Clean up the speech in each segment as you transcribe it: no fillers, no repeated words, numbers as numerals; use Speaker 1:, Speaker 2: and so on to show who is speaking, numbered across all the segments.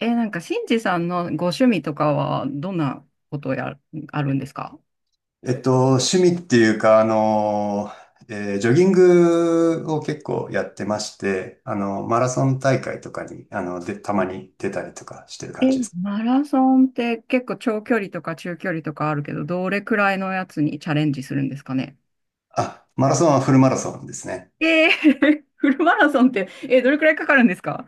Speaker 1: なんか、しんじさんのご趣味とかは、どんなことをやる、あるんですか？
Speaker 2: 趣味っていうか、ジョギングを結構やってまして、あの、マラソン大会とかに、で、たまに出たりとかしてる
Speaker 1: え、
Speaker 2: 感じです。
Speaker 1: マラソンって結構長距離とか中距離とかあるけど、どれくらいのやつにチャレンジするんですかね？
Speaker 2: あ、マラソンはフルマラソンですね。
Speaker 1: フルマラソンって、どれくらいかかるんですか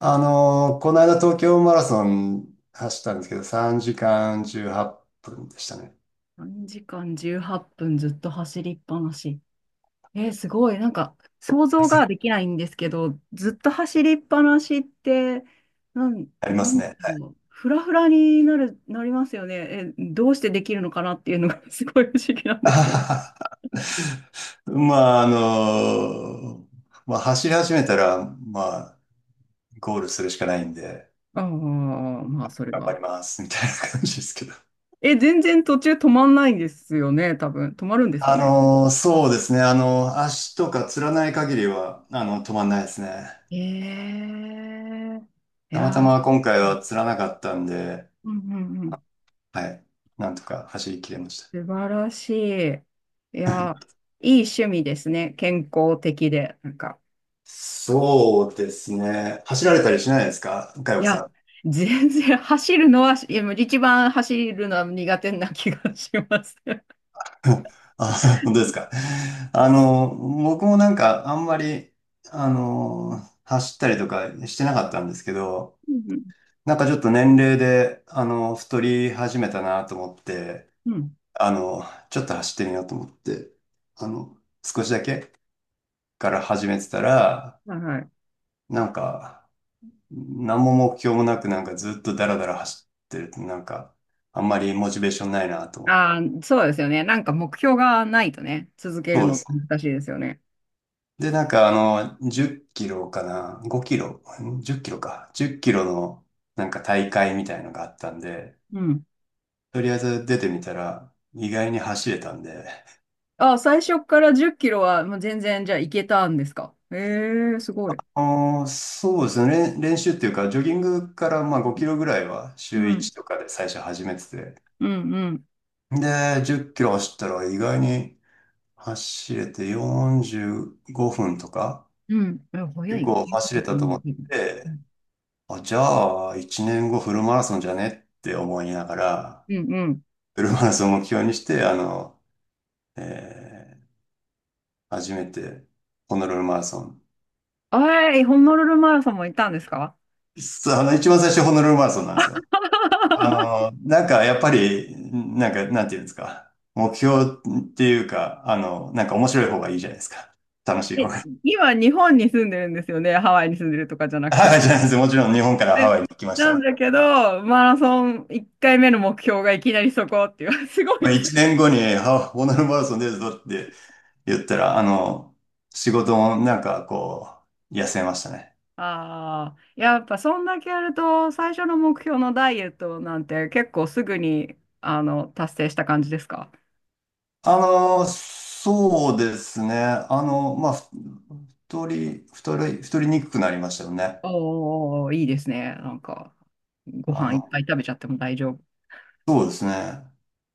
Speaker 2: あの、この間東京マラソン走ったんですけど、3時間18分でしたね。
Speaker 1: ?3 時間18分ずっと走りっぱなし。すごい。なんか、想像が できないんですけど、ずっと走りっぱなしって、なん、
Speaker 2: ありま
Speaker 1: な
Speaker 2: す
Speaker 1: んだ
Speaker 2: ね。
Speaker 1: ろう、フラフラになりますよね。え、どうしてできるのかなっていうのが すごい不思議なん
Speaker 2: あ
Speaker 1: です
Speaker 2: は
Speaker 1: けど。
Speaker 2: は、まあ、あの、まあ、走り始めたら、まあ、ゴールするしかないんで、
Speaker 1: ああ、まあ、それ
Speaker 2: 頑張
Speaker 1: は。
Speaker 2: ります、みたいな感じですけど。
Speaker 1: え、全然途中止まんないんですよね、多分。止まるんですか
Speaker 2: あ
Speaker 1: ね？
Speaker 2: のー、そうですね。あのー、足とかつらない限りは、あの、止まんないですね。
Speaker 1: ええ、い
Speaker 2: たま
Speaker 1: や
Speaker 2: た
Speaker 1: ー、
Speaker 2: ま今回はつらなかったんで、
Speaker 1: うんうんうん。
Speaker 2: はい。なんとか走り切れました。
Speaker 1: 素晴らしい。いや、いい趣味ですね。健康的で。なんか。
Speaker 2: そうですね。走られたりしないですか、佳代
Speaker 1: い
Speaker 2: 子さ
Speaker 1: や、
Speaker 2: ん。
Speaker 1: 全然走るのは、いや、もう一番走るのは苦手な気がします。
Speaker 2: あ、本当ですか。あの、僕もなんかあんまり、あの、走ったりとかしてなかったんですけど、
Speaker 1: うん。
Speaker 2: なんかちょっと年齢で、あの、太り始めたなと思って、
Speaker 1: うん、
Speaker 2: あの、ちょっと走ってみようと思って、あの、少しだけから始めてたら、
Speaker 1: はいはい。
Speaker 2: なんか、何も目標もなくなんかずっとダラダラ走ってるとなんか、あんまりモチベーションないなと思って。
Speaker 1: ああ、そうですよね。なんか目標がないとね、続ける
Speaker 2: そうで
Speaker 1: のって
Speaker 2: す。
Speaker 1: 難しいですよね。
Speaker 2: で、10キロかな、5キロ、ん、10キロか、10キロのなんか大会みたいのがあったんで、
Speaker 1: うん。
Speaker 2: とりあえず出てみたら意外に走れたんで。
Speaker 1: あ、最初から10キロはもう全然じゃあいけたんですか？ええー、すごい。
Speaker 2: ああ、そうですね。練習っていうか、ジョギングからまあ5キロぐらいは
Speaker 1: うん、
Speaker 2: 週
Speaker 1: うん、
Speaker 2: 1とかで最初始めてて。
Speaker 1: うん、うん。
Speaker 2: で、10キロ走ったら意外に走れて45分とか、
Speaker 1: うん、早
Speaker 2: 結
Speaker 1: い。
Speaker 2: 構走れ
Speaker 1: う
Speaker 2: たと
Speaker 1: ん、
Speaker 2: 思っ
Speaker 1: うん。
Speaker 2: て、あ、じゃあ1年後フルマラソンじゃねって思いながら、
Speaker 1: うん。
Speaker 2: フルマラソンを目標にして、あの、えー、初めてホノルルマラソン。
Speaker 1: あい、ホノルルマラソンも行ったんですか？
Speaker 2: そう、あの、一番最初ホノルルマラソンなんですよ。あの、なんかやっぱり、なんか、なんていうんですか。目標っていうか、あの、なんか面白い方がいいじゃないですか。楽しい方
Speaker 1: え、
Speaker 2: が。
Speaker 1: 今、日本に住んでるんですよね。ハワイに住んでるとかじゃな く
Speaker 2: ハワ
Speaker 1: て。
Speaker 2: イじゃないです。もちろん日本からハ
Speaker 1: え、
Speaker 2: ワイに来まし
Speaker 1: な
Speaker 2: た
Speaker 1: ん
Speaker 2: ね。
Speaker 1: だけど、マラソン1回目の目標がいきなりそこっていう、すご
Speaker 2: まあ、
Speaker 1: いす
Speaker 2: 一
Speaker 1: ごい。
Speaker 2: 年後に、ハワイホノルルマラソン出るぞって言ったら、あの、仕事もなんかこう、痩せましたね。
Speaker 1: ああ、やっぱそんだけやると、最初の目標のダイエットなんて結構すぐに、達成した感じですか？
Speaker 2: あの、そうですね。あの、まあ、ふ太り、太り、太りにくくなりましたよね。
Speaker 1: おおー、いいですね。なんか、ご
Speaker 2: あ
Speaker 1: 飯いっ
Speaker 2: の、
Speaker 1: ぱい食べちゃっても大丈夫。
Speaker 2: そうですね。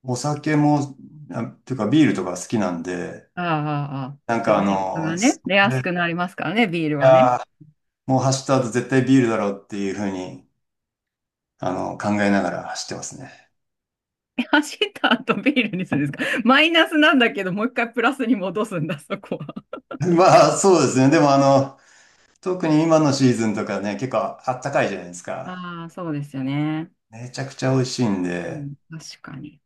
Speaker 2: お酒も、あ、っていうかビールとか好きなんで、
Speaker 1: あーあー、あー
Speaker 2: なん
Speaker 1: じゃあ、
Speaker 2: か
Speaker 1: お
Speaker 2: あ
Speaker 1: 腹が
Speaker 2: の、そ
Speaker 1: ね、出やす
Speaker 2: れ、い
Speaker 1: くなりますからね、ビールはね。
Speaker 2: やー、もう走った後絶対ビールだろうっていうふうに、あの、考えながら走ってますね。
Speaker 1: え、走った後ビールにするんですか？ マイナスなんだけど、もう一回プラスに戻すんだ、そこは。
Speaker 2: まあ、そうですね。でもあの、特に今のシーズンとかね、結構あったかいじゃないですか。
Speaker 1: ああ、そうですよね。
Speaker 2: めちゃくちゃ美味しいん
Speaker 1: う
Speaker 2: で。
Speaker 1: ん、確かに。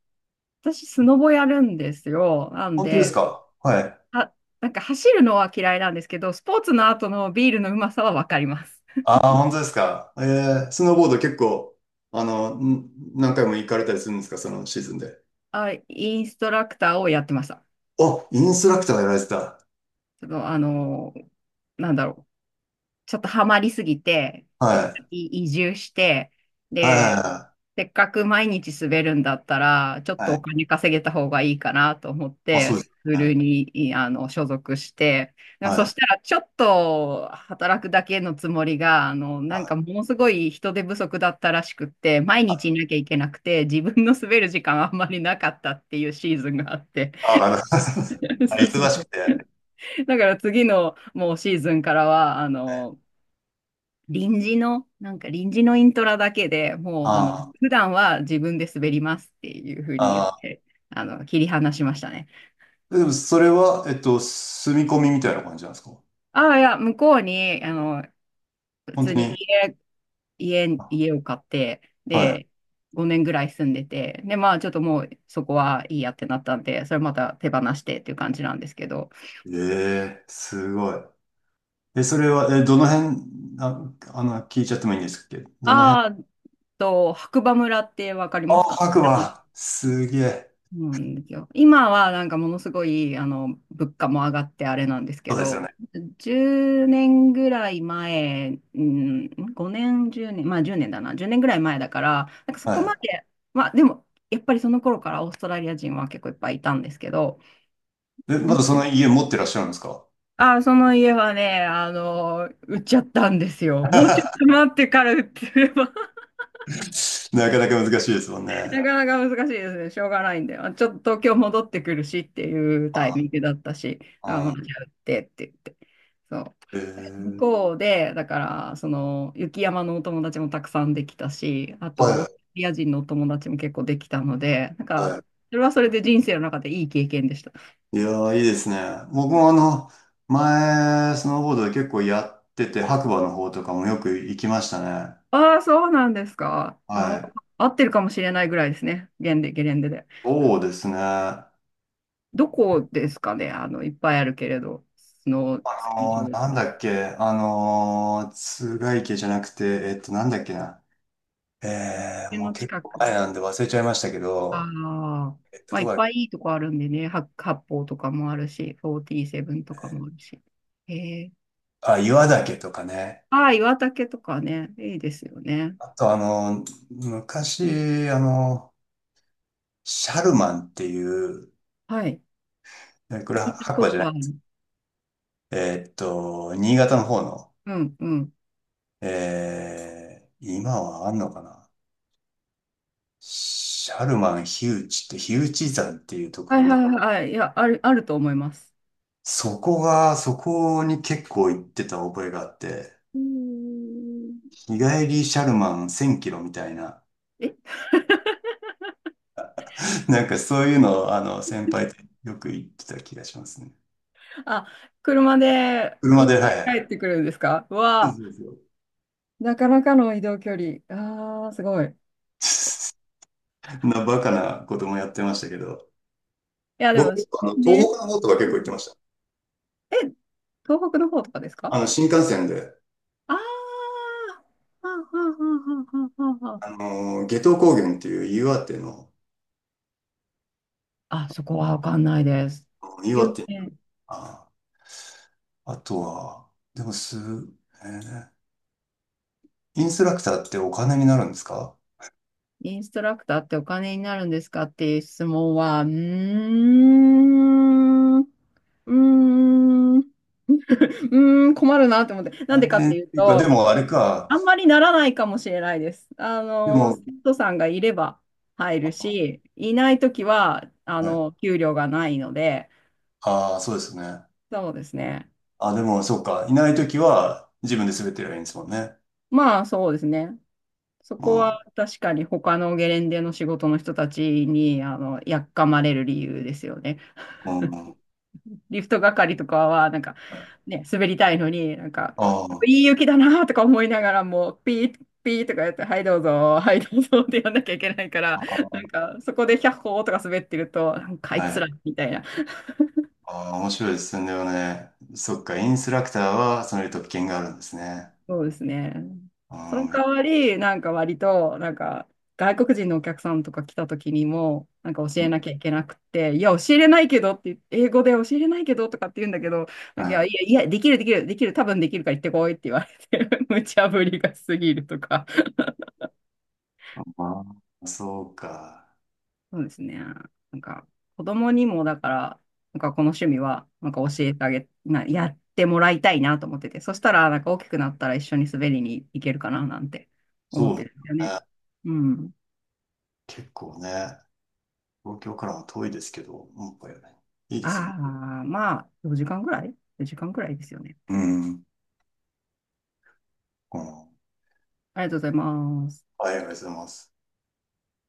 Speaker 1: 私、スノボやるんですよ。なん
Speaker 2: 本当です
Speaker 1: で、
Speaker 2: か、はい。
Speaker 1: あ、なんか走るのは嫌いなんですけど、スポーツの後のビールのうまさはわかります。
Speaker 2: ああ、本当ですか。えー、スノーボード結構、あの、ん、何回も行かれたりするんですか、そのシーズンで。
Speaker 1: あ、インストラクターをやってました。
Speaker 2: あ、インストラクターやられてた。
Speaker 1: ちょっとなんだろう、ちょっとハマりすぎて、一
Speaker 2: はい。
Speaker 1: 回移住して、
Speaker 2: はい
Speaker 1: で、
Speaker 2: はい
Speaker 1: せっかく毎日滑るんだったら、ちょっ
Speaker 2: はい。
Speaker 1: と
Speaker 2: は
Speaker 1: お
Speaker 2: い。
Speaker 1: 金稼げた方がいいかなと思っ
Speaker 2: まあ、そ
Speaker 1: て、
Speaker 2: う
Speaker 1: ス
Speaker 2: です
Speaker 1: クー
Speaker 2: よね。
Speaker 1: ルに、いあの、所属して、でもそ
Speaker 2: は
Speaker 1: した
Speaker 2: い。
Speaker 1: ら、ちょっと働くだけのつもりが、なんかものすごい人手不足だったらしくって、毎日いなきゃいけなくて、自分の滑る時間あんまりなかったっていうシーズンがあって、
Speaker 2: ああ、なるほど。あ、
Speaker 1: そうそう
Speaker 2: 忙し
Speaker 1: そ
Speaker 2: く
Speaker 1: う。
Speaker 2: て。
Speaker 1: だから次のもうシーズンからは、臨時の、なんか臨時のイントラだけでもう、
Speaker 2: あ
Speaker 1: 普段は自分で滑りますっていうふうに言っ
Speaker 2: あ、あ
Speaker 1: て、切り離しましたね。
Speaker 2: あ。でもそれは、えっと、住み込みみたいな感じなんですか。
Speaker 1: ああ、いや、向こうに、普
Speaker 2: 本
Speaker 1: 通
Speaker 2: 当
Speaker 1: に
Speaker 2: に。
Speaker 1: 家、家、
Speaker 2: あ、
Speaker 1: 家を買って、
Speaker 2: は
Speaker 1: で、5年ぐらい住んでて、で、まあ、ちょっともうそこはいいやってなったんで、それまた手放してっていう感じなんですけど、
Speaker 2: い。ええ、すごい。え、それは、え、どの辺、あ、あの、聞いちゃってもいいんですっけ、どの辺。
Speaker 1: ああ、と、白馬村ってわかりま
Speaker 2: ああ、
Speaker 1: すか
Speaker 2: 白
Speaker 1: ね？
Speaker 2: 馬。すげえ。
Speaker 1: そうなんですよ。今はなんかものすごい、物価も上がってあれなんですけ
Speaker 2: そうですよ
Speaker 1: ど、
Speaker 2: ね。
Speaker 1: 10年ぐらい前、うん、5年、10年、まあ10年だな、10年ぐらい前だから、なんかそこま
Speaker 2: は
Speaker 1: で、まあでも、やっぱりその頃からオーストラリア人は結構いっぱいいたんですけど、
Speaker 2: い。え、まだその家持ってらっしゃるんですか。
Speaker 1: あ、その家はね、売っちゃったんですよ。も うちょっと待ってから売ってれば。
Speaker 2: なかなか難しいですもんね。
Speaker 1: なかなか難しいですね。しょうがないんで。あ、ちょっと東京戻ってくるしっていうタイミン
Speaker 2: あ
Speaker 1: グだったし、あ、まあ、
Speaker 2: あ、
Speaker 1: じゃあ打ってって言って。そ
Speaker 2: え
Speaker 1: う。向
Speaker 2: え。
Speaker 1: こうで、だから、その、雪山のお友達もたくさんできたし、あ
Speaker 2: は
Speaker 1: と、オース
Speaker 2: い、
Speaker 1: トラリア人のお友達も結構できたので、なんか、
Speaker 2: はい。
Speaker 1: それはそれで人生の中でいい経験でした。
Speaker 2: いやー、いいですね。僕もあの、前、スノーボードで結構やってて、白馬の方とかもよく行きましたね。
Speaker 1: ああ、そうなんですか。いや、
Speaker 2: はい。
Speaker 1: 合ってるかもしれないぐらいですね。ゲレンデ、ゲレンデで。
Speaker 2: そうですね。あ
Speaker 1: どこですかね。いっぱいあるけれど、スノースキ
Speaker 2: のー、
Speaker 1: ー
Speaker 2: なん
Speaker 1: 場。
Speaker 2: だっけ、あのー、津軽池じゃなくて、えっと、なんだっけな。えー、
Speaker 1: 家
Speaker 2: もう
Speaker 1: の
Speaker 2: 結
Speaker 1: 近
Speaker 2: 構
Speaker 1: く。
Speaker 2: 前なんで忘れちゃいましたけ
Speaker 1: あ
Speaker 2: ど、
Speaker 1: あ、
Speaker 2: えっと、
Speaker 1: まあ、
Speaker 2: ど
Speaker 1: いっ
Speaker 2: こだっけ、
Speaker 1: ぱいいいとこあるんでね、八八方とかもあるし、47とかもあるし。へえ。
Speaker 2: あ、岩岳とかね。
Speaker 1: ああ、岩竹とかね、いいですよね。
Speaker 2: あと、あのー昔、あのーシャルマンっていう、
Speaker 1: はい。
Speaker 2: えこれ
Speaker 1: 聞
Speaker 2: は
Speaker 1: いた
Speaker 2: 白
Speaker 1: こ
Speaker 2: 馬じゃな
Speaker 1: とあ
Speaker 2: い。
Speaker 1: る。
Speaker 2: えっと、新潟の方の、
Speaker 1: うんうん。
Speaker 2: えー、今はあんのかな。シャルマン火打ちって火打ち山っていうとこ
Speaker 1: はい
Speaker 2: ろ
Speaker 1: は
Speaker 2: の、
Speaker 1: いはい。いや、あると思います。
Speaker 2: そこが、そこに結構行ってた覚えがあって、
Speaker 1: うーん。
Speaker 2: 日帰りシャルマン1000キロみたいな、
Speaker 1: え
Speaker 2: なんかそういうのを、あの、先輩とよく行ってた気がしますね。
Speaker 1: あ、車で
Speaker 2: 車
Speaker 1: 行っ
Speaker 2: で、
Speaker 1: て
Speaker 2: は
Speaker 1: 帰
Speaker 2: い。
Speaker 1: ってくるんですか？
Speaker 2: そう
Speaker 1: わ
Speaker 2: そ
Speaker 1: あ、
Speaker 2: うそ
Speaker 1: なかなかの移動距離。ああ、すごい。い
Speaker 2: う。な、バカなこともやってましたけど、
Speaker 1: や、で
Speaker 2: 僕
Speaker 1: も、
Speaker 2: 結構あの、
Speaker 1: ね。
Speaker 2: 東北の方とか結
Speaker 1: う
Speaker 2: 構行ってま
Speaker 1: ん。
Speaker 2: した。
Speaker 1: え、東北の方とかですか？
Speaker 2: あの、新幹線で、
Speaker 1: ああ、はんはんはんはんはんはんはん、
Speaker 2: あの、夏油高原っていう岩手の、
Speaker 1: あ、そこはわかんないです。
Speaker 2: 岩
Speaker 1: 有
Speaker 2: 手、
Speaker 1: 名。
Speaker 2: ああ、とは、でもす、えー、インストラクターってお金になるんですか。
Speaker 1: インストラクターってお金になるんですかっていう質問は、うーん、うーん、うーん、困るなって思って。なん
Speaker 2: あ
Speaker 1: でかって
Speaker 2: ね、
Speaker 1: いう
Speaker 2: っていうか、で
Speaker 1: と、
Speaker 2: もあれか。
Speaker 1: あんまりならないかもしれないです。
Speaker 2: でも、
Speaker 1: 生徒さんがいれば入るし、いないときは、
Speaker 2: はい。
Speaker 1: 給料がないので、
Speaker 2: ああ、そうですね。
Speaker 1: そうですね。
Speaker 2: あ、でも、そうか。いないときは自分で滑ってりゃいいんですもんね。
Speaker 1: まあ、そうですね。そ
Speaker 2: う
Speaker 1: こ
Speaker 2: ん。
Speaker 1: は確かに他のゲレンデの仕事の人たちに、やっかまれる理由ですよね。
Speaker 2: うん。
Speaker 1: リフト係とかは、なんか、
Speaker 2: はい、
Speaker 1: ね、滑りたいのに、なんか、
Speaker 2: あ
Speaker 1: いい雪だなとか思いながらも、ピー、ピーとかやって、はいどうぞ、はいどうぞってやんなきゃいけないから、
Speaker 2: あ、
Speaker 1: なんか、そこでひゃっほーとか滑ってると、なんかあい
Speaker 2: は
Speaker 1: つ
Speaker 2: い。
Speaker 1: らみたいな、
Speaker 2: ああ、面白いですね。でもね、そっか、インストラクターはその特権があるんですね。
Speaker 1: そうですね。
Speaker 2: う
Speaker 1: その
Speaker 2: ん。は
Speaker 1: 代
Speaker 2: い。
Speaker 1: わり、なんか割と、なんか外国人のお客さんとか来た時にも、なんか教えなきゃいけなくて、いや、教えれないけどって言って、英語で教えれないけどとかって言うんだけど、なんかいや、いや、できる、できる、できる、多分できるから言ってこいって言われて、無茶ぶりが過ぎるとか。
Speaker 2: まあ、そうか。
Speaker 1: そうですね。なんか、子供にもだから、なんかこの趣味は、なんか教えてあげ、な、やってもらいたいなと思ってて、そしたら、なんか大きくなったら一緒に滑りに行けるかななんて思っ
Speaker 2: そ
Speaker 1: て
Speaker 2: う、
Speaker 1: るんだよね。うん。
Speaker 2: 結構ね。東京からは遠いですけど、モンぱルね。いいですよ。
Speaker 1: ああ、まあ、4時間ぐらい ?4 時間ぐらいですよね。
Speaker 2: うん。うん。
Speaker 1: ありがとうございます。
Speaker 2: はい、ありがとうございます。